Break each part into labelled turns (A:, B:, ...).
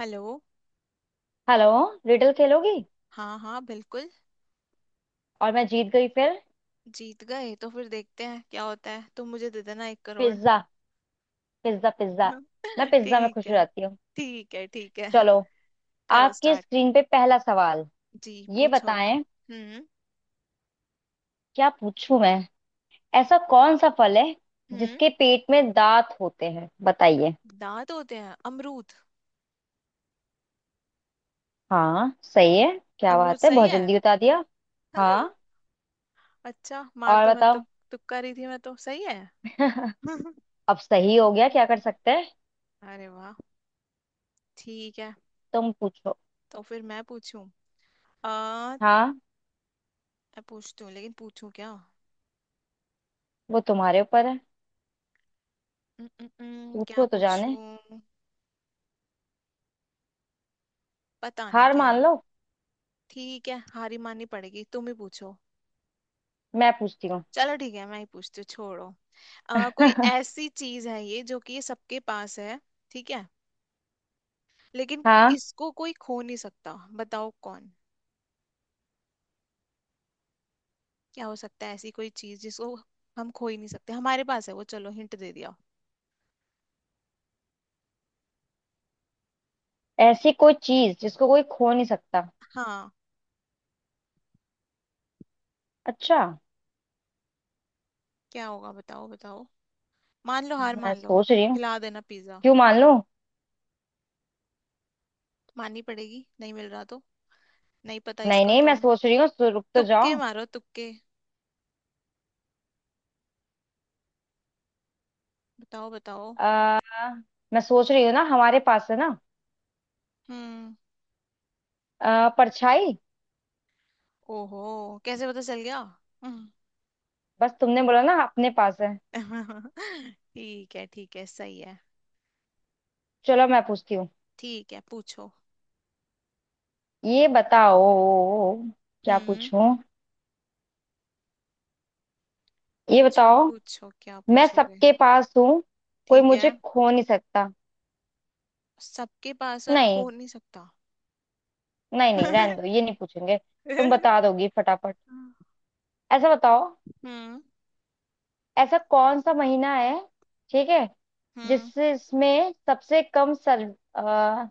A: Hello.
B: Hello. Riddle खेलोगी।
A: हाँ हाँ, बिल्कुल।
B: और मैं जीत गई फिर।
A: जीत गए तो फिर देखते हैं क्या होता है, तुम मुझे दे देना 1 करोड़।
B: पिज्जा। पिज्जा। मैं पिज्जा में
A: ठीक
B: खुश हो
A: है।
B: जाती हूँ।
A: ठीक है ठीक है।
B: चलो,
A: करो
B: आपकी
A: स्टार्ट।
B: स्क्रीन पे पहला सवाल।
A: जी
B: ये
A: पूछो।
B: बताएं,
A: हम्म।
B: क्या पूछूं मैं। ऐसा कौन सा फल है
A: हम्म।
B: जिसके पेट में दांत होते हैं, बताइए।
A: दांत होते हैं, अमरूद।
B: हाँ, सही है। क्या
A: अमरूद
B: बात है,
A: सही
B: बहुत
A: है।
B: जल्दी बता दिया। हाँ,
A: अच्छा, मार
B: और
A: तो मैं
B: बताओ।
A: तुक्का रही थी, मैं तो सही है।
B: अब सही हो गया, क्या कर सकते हैं।
A: अरे वाह। ठीक है।
B: तुम पूछो।
A: तो फिर मैं पूछूं। आ
B: हाँ,
A: मैं पूछती हूँ लेकिन पूछूं क्या?
B: वो तुम्हारे ऊपर है।
A: क्या
B: पूछो तो जाने।
A: पूछूं? पता नहीं
B: हार
A: क्या।
B: मान लो।
A: ठीक है, हारी माननी पड़ेगी, तुम ही पूछो।
B: मैं पूछती हूँ।
A: चलो ठीक है, मैं ही पूछती हूँ, छोड़ो। कोई ऐसी चीज है ये जो कि ये सबके पास है। ठीक है। लेकिन
B: हाँ,
A: इसको कोई खो नहीं सकता। बताओ कौन। क्या हो सकता है ऐसी कोई चीज जिसको हम खो ही नहीं सकते, हमारे पास है वो, चलो हिंट दे दिया।
B: ऐसी कोई चीज जिसको कोई खो नहीं सकता।
A: हाँ।
B: अच्छा,
A: क्या होगा, बताओ बताओ। मान लो, हार
B: मैं
A: मान लो।
B: सोच रही हूँ।
A: खिला देना पिज्जा।
B: क्यों मान लो।
A: माननी पड़ेगी, नहीं मिल रहा तो। नहीं पता
B: नहीं
A: इसका
B: नहीं,
A: तो।
B: मैं सोच रही हूँ। रुक तो
A: तुक्के
B: जाओ।
A: मारो, तुक्के। बताओ बताओ।
B: आ, मैं सोच रही हूँ ना, हमारे पास है ना।
A: हम्म।
B: परछाई।
A: ओहो, कैसे पता चल गया?
B: बस तुमने बोला ना अपने पास है।
A: ठीक है ठीक है, सही है।
B: चलो, मैं पूछती हूँ।
A: ठीक है, पूछो।
B: ये बताओ। क्या
A: हम्म।
B: पूछूं। ये
A: पूछो
B: बताओ,
A: पूछो, क्या
B: मैं
A: पूछोगे?
B: सबके पास हूँ, कोई
A: ठीक है।
B: मुझे खो नहीं सकता।
A: सबके पास और
B: नहीं
A: खो नहीं सकता।
B: नहीं नहीं, रहने दो, ये नहीं पूछेंगे। तुम
A: हम्म।
B: बता दोगी फटाफट। ऐसा बताओ, ऐसा कौन सा महीना है। ठीक है।
A: हम्म।
B: जिससे इसमें सबसे कम सर्व। अ,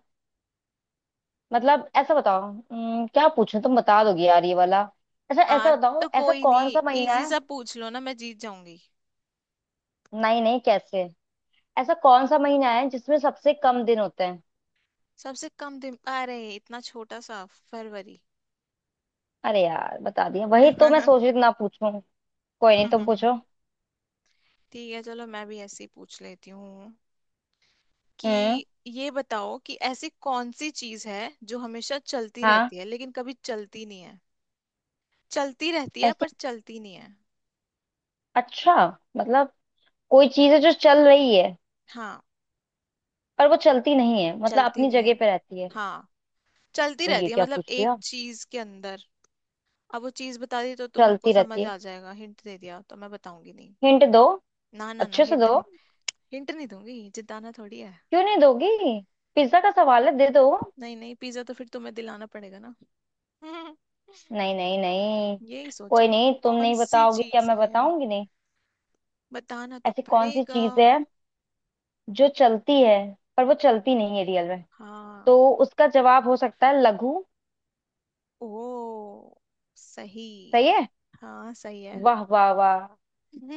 B: मतलब ऐसा बताओ। क्या पूछूं, तुम बता दोगे यार ये वाला। अच्छा,
A: हाँ।
B: ऐसा बताओ,
A: तो
B: ऐसा
A: कोई
B: कौन
A: नहीं।
B: सा महीना
A: इजी
B: है।
A: सा पूछ लो ना, मैं जीत जाऊंगी।
B: नहीं नहीं, कैसे। ऐसा कौन सा महीना है जिसमें सबसे कम दिन होते हैं।
A: सबसे कम दिन, अरे इतना छोटा सा। फरवरी।
B: अरे यार, बता दिया, वही तो मैं सोच रही थी ना पूछूं। कोई नहीं, तुम पूछो।
A: ठीक है चलो, मैं भी ऐसे ही पूछ लेती हूँ कि
B: हम्म।
A: ये बताओ कि ऐसी कौन सी चीज है जो हमेशा चलती
B: हाँ।
A: रहती है लेकिन कभी चलती नहीं है। चलती रहती है
B: ऐसी।
A: पर चलती नहीं है।
B: अच्छा। मतलब कोई चीज है जो चल रही है,
A: हाँ।
B: पर वो चलती नहीं है, मतलब
A: चलती
B: अपनी
A: नहीं है।
B: जगह पे रहती है।
A: हाँ। चलती
B: ये
A: रहती है
B: क्या
A: मतलब
B: पूछ
A: एक
B: लिया।
A: चीज के अंदर। अब वो चीज बता दी तो तुमको
B: चलती
A: समझ
B: रहती है।
A: आ जाएगा, हिंट दे दिया तो, मैं बताऊंगी नहीं।
B: हिंट दो।
A: ना ना ना,
B: अच्छे से
A: हिंट
B: दो।
A: नहीं। हिंट नहीं दूंगी, जिताना थोड़ी है।
B: क्यों नहीं दोगी। पिज्जा का सवाल है, दे दो।
A: नहीं नहीं, पिज्जा तो फिर तुम्हें दिलाना पड़ेगा ना। हम्म।
B: नहीं नहीं नहीं।
A: यही
B: कोई
A: सोचो।
B: नहीं, तुम
A: कौन
B: नहीं
A: सी
B: बताओगी क्या,
A: चीज
B: मैं
A: है?
B: बताऊंगी नहीं।
A: बताना तो
B: ऐसी कौन सी
A: पड़ेगा।
B: चीज है जो चलती है, पर वो चलती नहीं है रियल में।
A: हाँ।
B: तो उसका जवाब हो सकता है लघु।
A: ओ सही।
B: सही है।
A: हाँ सही है।
B: वाह वाह वाह।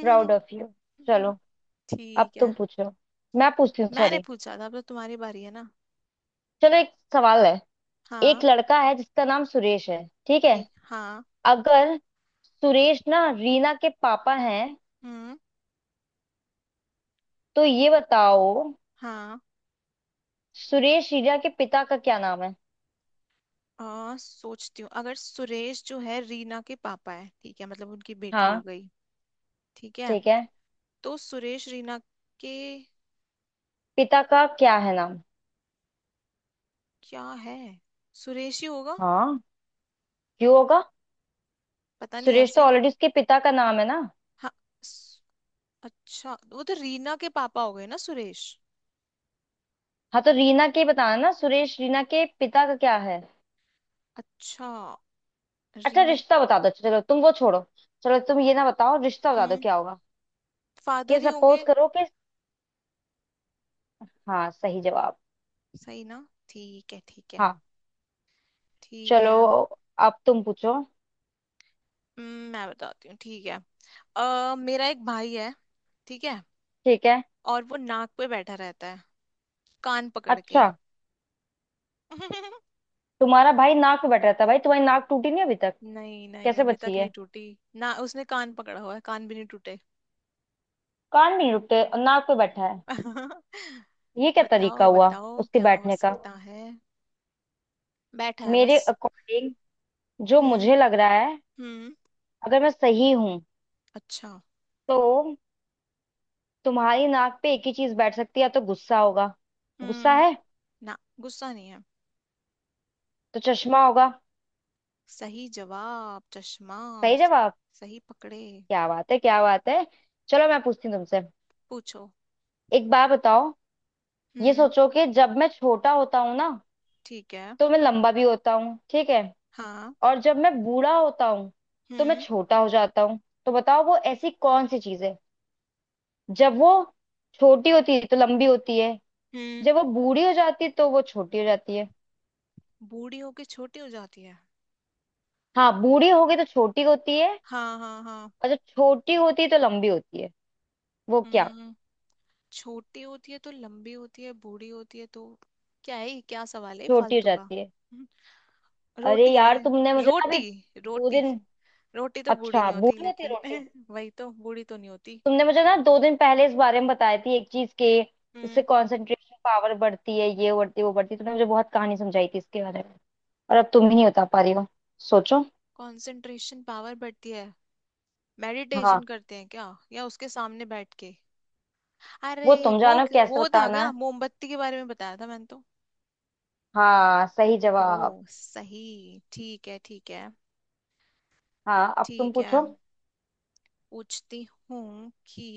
B: Proud of you. चलो, अब
A: ठीक है।
B: तुम पूछो। मैं पूछती हूँ,
A: मैंने
B: सॉरी।
A: पूछा था, अब तो तुम्हारी बारी है ना।
B: चलो, एक सवाल है। एक
A: हाँ।
B: लड़का है जिसका नाम सुरेश है, ठीक है।
A: ठीक, हाँ।
B: अगर सुरेश ना रीना के पापा हैं,
A: हम्म।
B: तो ये बताओ,
A: हाँ।
B: सुरेश रीना के पिता का क्या नाम है।
A: सोचती हूँ, अगर सुरेश जो है रीना के पापा है, ठीक है, मतलब उनकी बेटी हो
B: हाँ।
A: गई। ठीक है।
B: ठीक है।
A: तो सुरेश रीना के।
B: पिता का क्या है नाम।
A: क्या है? सुरेश ही होगा।
B: हाँ, क्यों होगा।
A: पता नहीं,
B: सुरेश
A: ऐसे
B: तो
A: ही।
B: ऑलरेडी उसके पिता का नाम है ना।
A: हाँ। स- अच्छा, वो तो रीना के पापा हो गए ना सुरेश।
B: हाँ, तो रीना के बताना ना, सुरेश रीना के पिता का क्या है।
A: अच्छा।
B: अच्छा
A: रीना।
B: रिश्ता बता दो अच्छा, चलो तुम वो छोड़ो। चलो तुम ये ना बताओ, रिश्ता बता दो
A: हम्म।
B: क्या होगा। कि
A: फादर ही होंगे।
B: सपोज करो कि। हाँ सही जवाब।
A: सही ना, ठीक है ठीक है।
B: हाँ।
A: ठीक
B: चलो,
A: है।
B: अब तुम पूछो।
A: मैं बताती हूँ, ठीक है। मेरा एक भाई है। ठीक है।
B: ठीक है।
A: और वो नाक पे बैठा रहता है, कान पकड़ के।
B: अच्छा। तुम्हारा भाई नाक पे बैठा रहता है, भाई तुम्हारी नाक टूटी नहीं अभी तक।
A: नहीं नहीं,
B: कैसे
A: अभी
B: बची
A: तक नहीं
B: है।
A: टूटी। ना, उसने कान पकड़ा हुआ है, कान भी नहीं टूटे।
B: कान भी नहीं रुकते और नाक पे बैठा है। ये क्या तरीका
A: बताओ
B: हुआ
A: बताओ,
B: उसके
A: क्या हो
B: बैठने का।
A: सकता है? बैठा है
B: मेरे
A: बस।
B: अकॉर्डिंग, जो
A: हम्म।
B: मुझे लग रहा है,
A: हम्म।
B: अगर मैं सही हूं,
A: अच्छा।
B: तो तुम्हारी नाक पे एक ही चीज बैठ सकती है, या तो गुस्सा होगा। गुस्सा
A: हम्म।
B: है।
A: ना, गुस्सा नहीं है।
B: तो चश्मा होगा।
A: सही जवाब, चश्मा।
B: सही जवाब।
A: सही पकड़े।
B: क्या बात है, क्या बात है। चलो, मैं पूछती हूँ तुमसे,
A: पूछो।
B: एक बार बताओ। ये
A: हम्म।
B: सोचो कि जब मैं छोटा होता हूँ ना,
A: ठीक है।
B: तो मैं लंबा भी होता हूँ, ठीक है।
A: हाँ।
B: और जब मैं बूढ़ा होता हूँ, तो मैं
A: हम्म।
B: छोटा हो जाता हूँ। तो बताओ वो ऐसी कौन सी चीज है, जब वो छोटी होती है तो लंबी होती है,
A: हम्म।
B: जब वो बूढ़ी हो जाती है, तो वो छोटी हो जाती है।
A: बूढ़ी होके छोटी हो जाती है।
B: हाँ, बूढ़ी हो गई तो छोटी होती है,
A: हाँ हाँ हाँ।
B: और जब छोटी होती है तो लंबी होती है। वो क्या।
A: हम्म। छोटी होती है तो लंबी होती है, बूढ़ी होती है तो क्या है ये? क्या सवाल है
B: छोटी हो
A: फालतू का?
B: जाती है। अरे
A: रोटी है
B: यार,
A: क्या?
B: तुमने मुझे ना अभी
A: रोटी।
B: दो
A: रोटी।
B: दिन
A: रोटी तो बूढ़ी
B: अच्छा,
A: नहीं होती
B: बूढ़ी होती है
A: लेकिन
B: रोटी।
A: वही तो, बूढ़ी तो नहीं होती।
B: तुमने मुझे ना 2 दिन पहले इस बारे में बताई थी, एक चीज के, इससे
A: हम्म।
B: कंसंट्रेशन पावर बढ़ती है, ये बढ़ती है, वो बढ़ती है, तुमने मुझे बहुत कहानी समझाई थी इसके बारे में। और अब तुम ही नहीं बता पा रही हो। सोचो।
A: कंसंट्रेशन पावर बढ़ती है। मेडिटेशन
B: हाँ,
A: करते हैं क्या? या उसके सामने बैठ के, अरे
B: वो तुम
A: वो
B: जानो कैसे
A: वो था
B: बताना
A: क्या?
B: है।
A: मोमबत्ती के बारे में बताया था मैंने तो।
B: हाँ, सही जवाब।
A: ओ सही, ठीक है ठीक है।
B: हाँ, अब तुम
A: ठीक है।
B: पूछो।
A: पूछती हूँ कि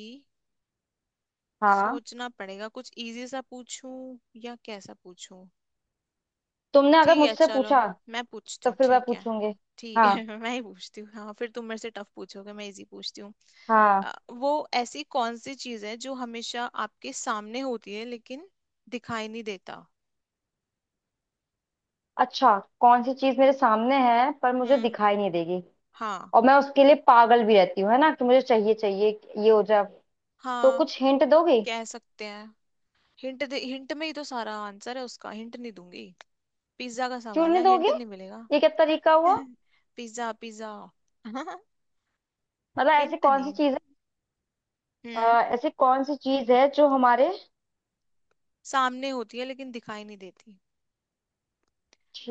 B: हाँ,
A: सोचना पड़ेगा, कुछ इजी सा पूछूं या कैसा पूछूं।
B: तुमने अगर
A: ठीक है
B: मुझसे
A: चलो,
B: पूछा,
A: मैं पूछती
B: तो
A: हूँ,
B: फिर मैं
A: ठीक है।
B: पूछूंगी।
A: ठीक है।
B: हाँ।
A: मैं ही पूछती हूँ, हाँ फिर तुम मेरे से टफ पूछोगे, मैं इजी पूछती हूँ।
B: हाँ।
A: वो ऐसी कौन सी चीज है जो हमेशा आपके सामने होती है लेकिन दिखाई नहीं देता।
B: अच्छा, कौन सी चीज मेरे सामने है पर मुझे
A: हम्म।
B: दिखाई नहीं देगी,
A: हाँ।
B: और मैं उसके लिए पागल भी रहती हूँ, है ना, कि मुझे चाहिए चाहिए ये हो जाए। तो
A: हाँ,
B: कुछ हिंट दोगी।
A: कह सकते हैं। हिंट दे, हिंट में ही तो सारा आंसर है उसका, हिंट नहीं दूंगी। पिज्जा का
B: क्यों
A: सवाल
B: नहीं
A: है, हिंट
B: दोगी,
A: नहीं मिलेगा।
B: ये क्या तरीका हुआ।
A: Pizza pizza. हम्म।
B: मतलब ऐसी
A: हिंट
B: कौन सी
A: नहीं।
B: चीज है।
A: हम्म।
B: ऐसी कौन सी चीज है जो हमारे।
A: सामने होती है लेकिन दिखाई नहीं देती।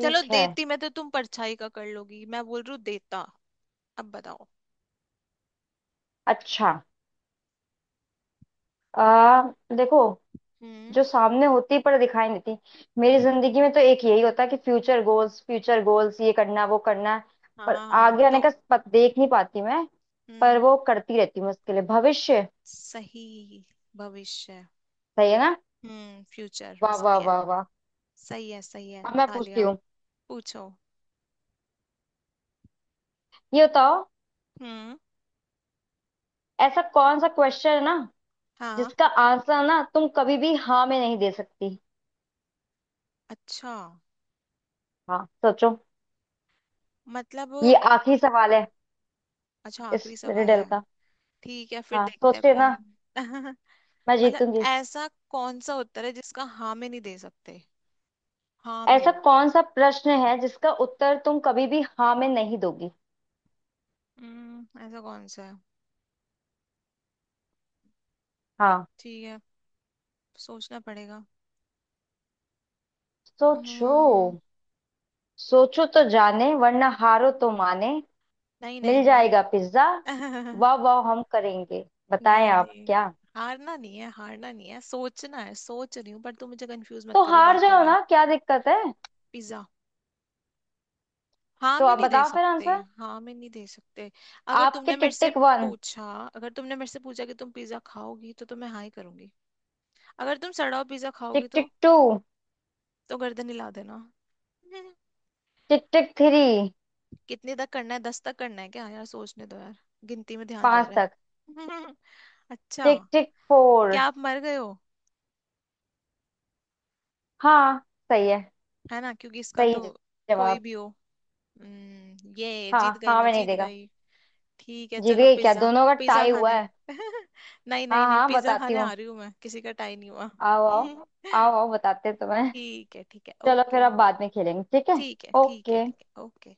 A: चलो
B: है।
A: देती, मैं तो तुम परछाई का कर लोगी, मैं बोल रही हूँ देता। अब बताओ।
B: अच्छा। आ, देखो,
A: हम्म।
B: जो सामने होती है पर दिखाई नहीं देती। मेरी जिंदगी में तो एक यही होता है कि फ्यूचर गोल्स, फ्यूचर गोल्स, ये करना है, वो करना है,
A: हाँ
B: पर
A: हाँ,
B: आगे आने का
A: तो।
B: पत, देख नहीं पाती मैं, पर
A: हम्म।
B: वो करती रहती हूँ उसके लिए। भविष्य।
A: सही। भविष्य।
B: सही है ना।
A: फ्यूचर
B: वाह वाह
A: सही है।
B: वाह वाह।
A: सही है सही है,
B: अब मैं पूछती
A: तालिया।
B: हूँ।
A: पूछो।
B: ये बताओ,
A: हम्म।
B: ऐसा कौन सा क्वेश्चन है ना
A: हाँ।
B: जिसका आंसर ना तुम कभी भी हाँ में नहीं दे सकती।
A: अच्छा।
B: हाँ, सोचो। ये
A: मतलब।
B: आखिरी सवाल है
A: अच्छा,
B: इस
A: आखिरी सवाल
B: रिडल
A: है।
B: का।
A: ठीक है, फिर
B: हाँ,
A: देखते हैं
B: सोचते ना,
A: कौन। मतलब,
B: मैं जीतूंगी।
A: ऐसा कौन सा उत्तर है जिसका हाँ में नहीं दे सकते? हाँ में।
B: ऐसा कौन सा प्रश्न है जिसका उत्तर तुम कभी भी हाँ में नहीं दोगी।
A: ऐसा कौन सा है?
B: हाँ,
A: ठीक है, सोचना पड़ेगा।
B: सोचो।
A: हम्म।
B: सोचो तो जाने, वरना हारो तो माने।
A: नहीं नहीं
B: मिल
A: नहीं।
B: जाएगा पिज्जा। वाह वाह, हम करेंगे। बताएं
A: नहीं
B: आप
A: नहीं,
B: क्या।
A: हारना नहीं है, हारना नहीं है, सोचना है, सोच रही हूँ, पर तुम मुझे कंफ्यूज मत
B: तो
A: करो
B: हार
A: बातों
B: जाओ
A: में।
B: ना, क्या दिक्कत है।
A: पिज्जा। हाँ
B: तो
A: में
B: आप
A: नहीं दे
B: बताओ फिर
A: सकते।
B: आंसर।
A: हाँ में नहीं दे सकते। अगर
B: आपके
A: तुमने मेरे
B: टिक
A: से
B: टिक 1।
A: पूछा। अगर तुमने मेरे से पूछा कि तुम पिज्जा खाओगी तो मैं हाँ ही करूंगी। अगर तुम सड़ा हुआ पिज्जा खाओगी
B: टिक
A: तो
B: टिक 2।
A: तो गर्दन हिला देना।
B: टिक टिक 3।
A: कितने तक करना है, 10 तक करना है क्या यार? सोचने दो यार, गिनती में ध्यान जा
B: 5
A: रहा
B: तक।
A: है। अच्छा।
B: टिक टिक 4।
A: क्या आप मर गए हो?
B: हाँ, सही है।
A: है ना, क्योंकि इसका
B: सही
A: तो कोई
B: जवाब।
A: भी हो। ये जीत
B: हाँ
A: गई,
B: हाँ,
A: मैं
B: मैं नहीं
A: जीत
B: देगा।
A: गई। ठीक है
B: जीत
A: चलो,
B: गई, क्या
A: पिज्जा।
B: दोनों का
A: पिज्जा
B: टाई हुआ
A: खाने।
B: है।
A: नहीं
B: हाँ
A: नहीं नहीं,
B: हाँ,
A: पिज्जा
B: बताती
A: खाने आ
B: हूँ।
A: रही हूँ मैं, किसी का टाई नहीं हुआ।
B: आओ आओ। आओ आओ, बताते हैं तुम्हें।
A: ठीक है ठीक है,
B: चलो फिर,
A: ओके।
B: अब बाद में खेलेंगे, ठीक है।
A: ठीक है ठीक है
B: ओके।
A: ठीक है, ओके।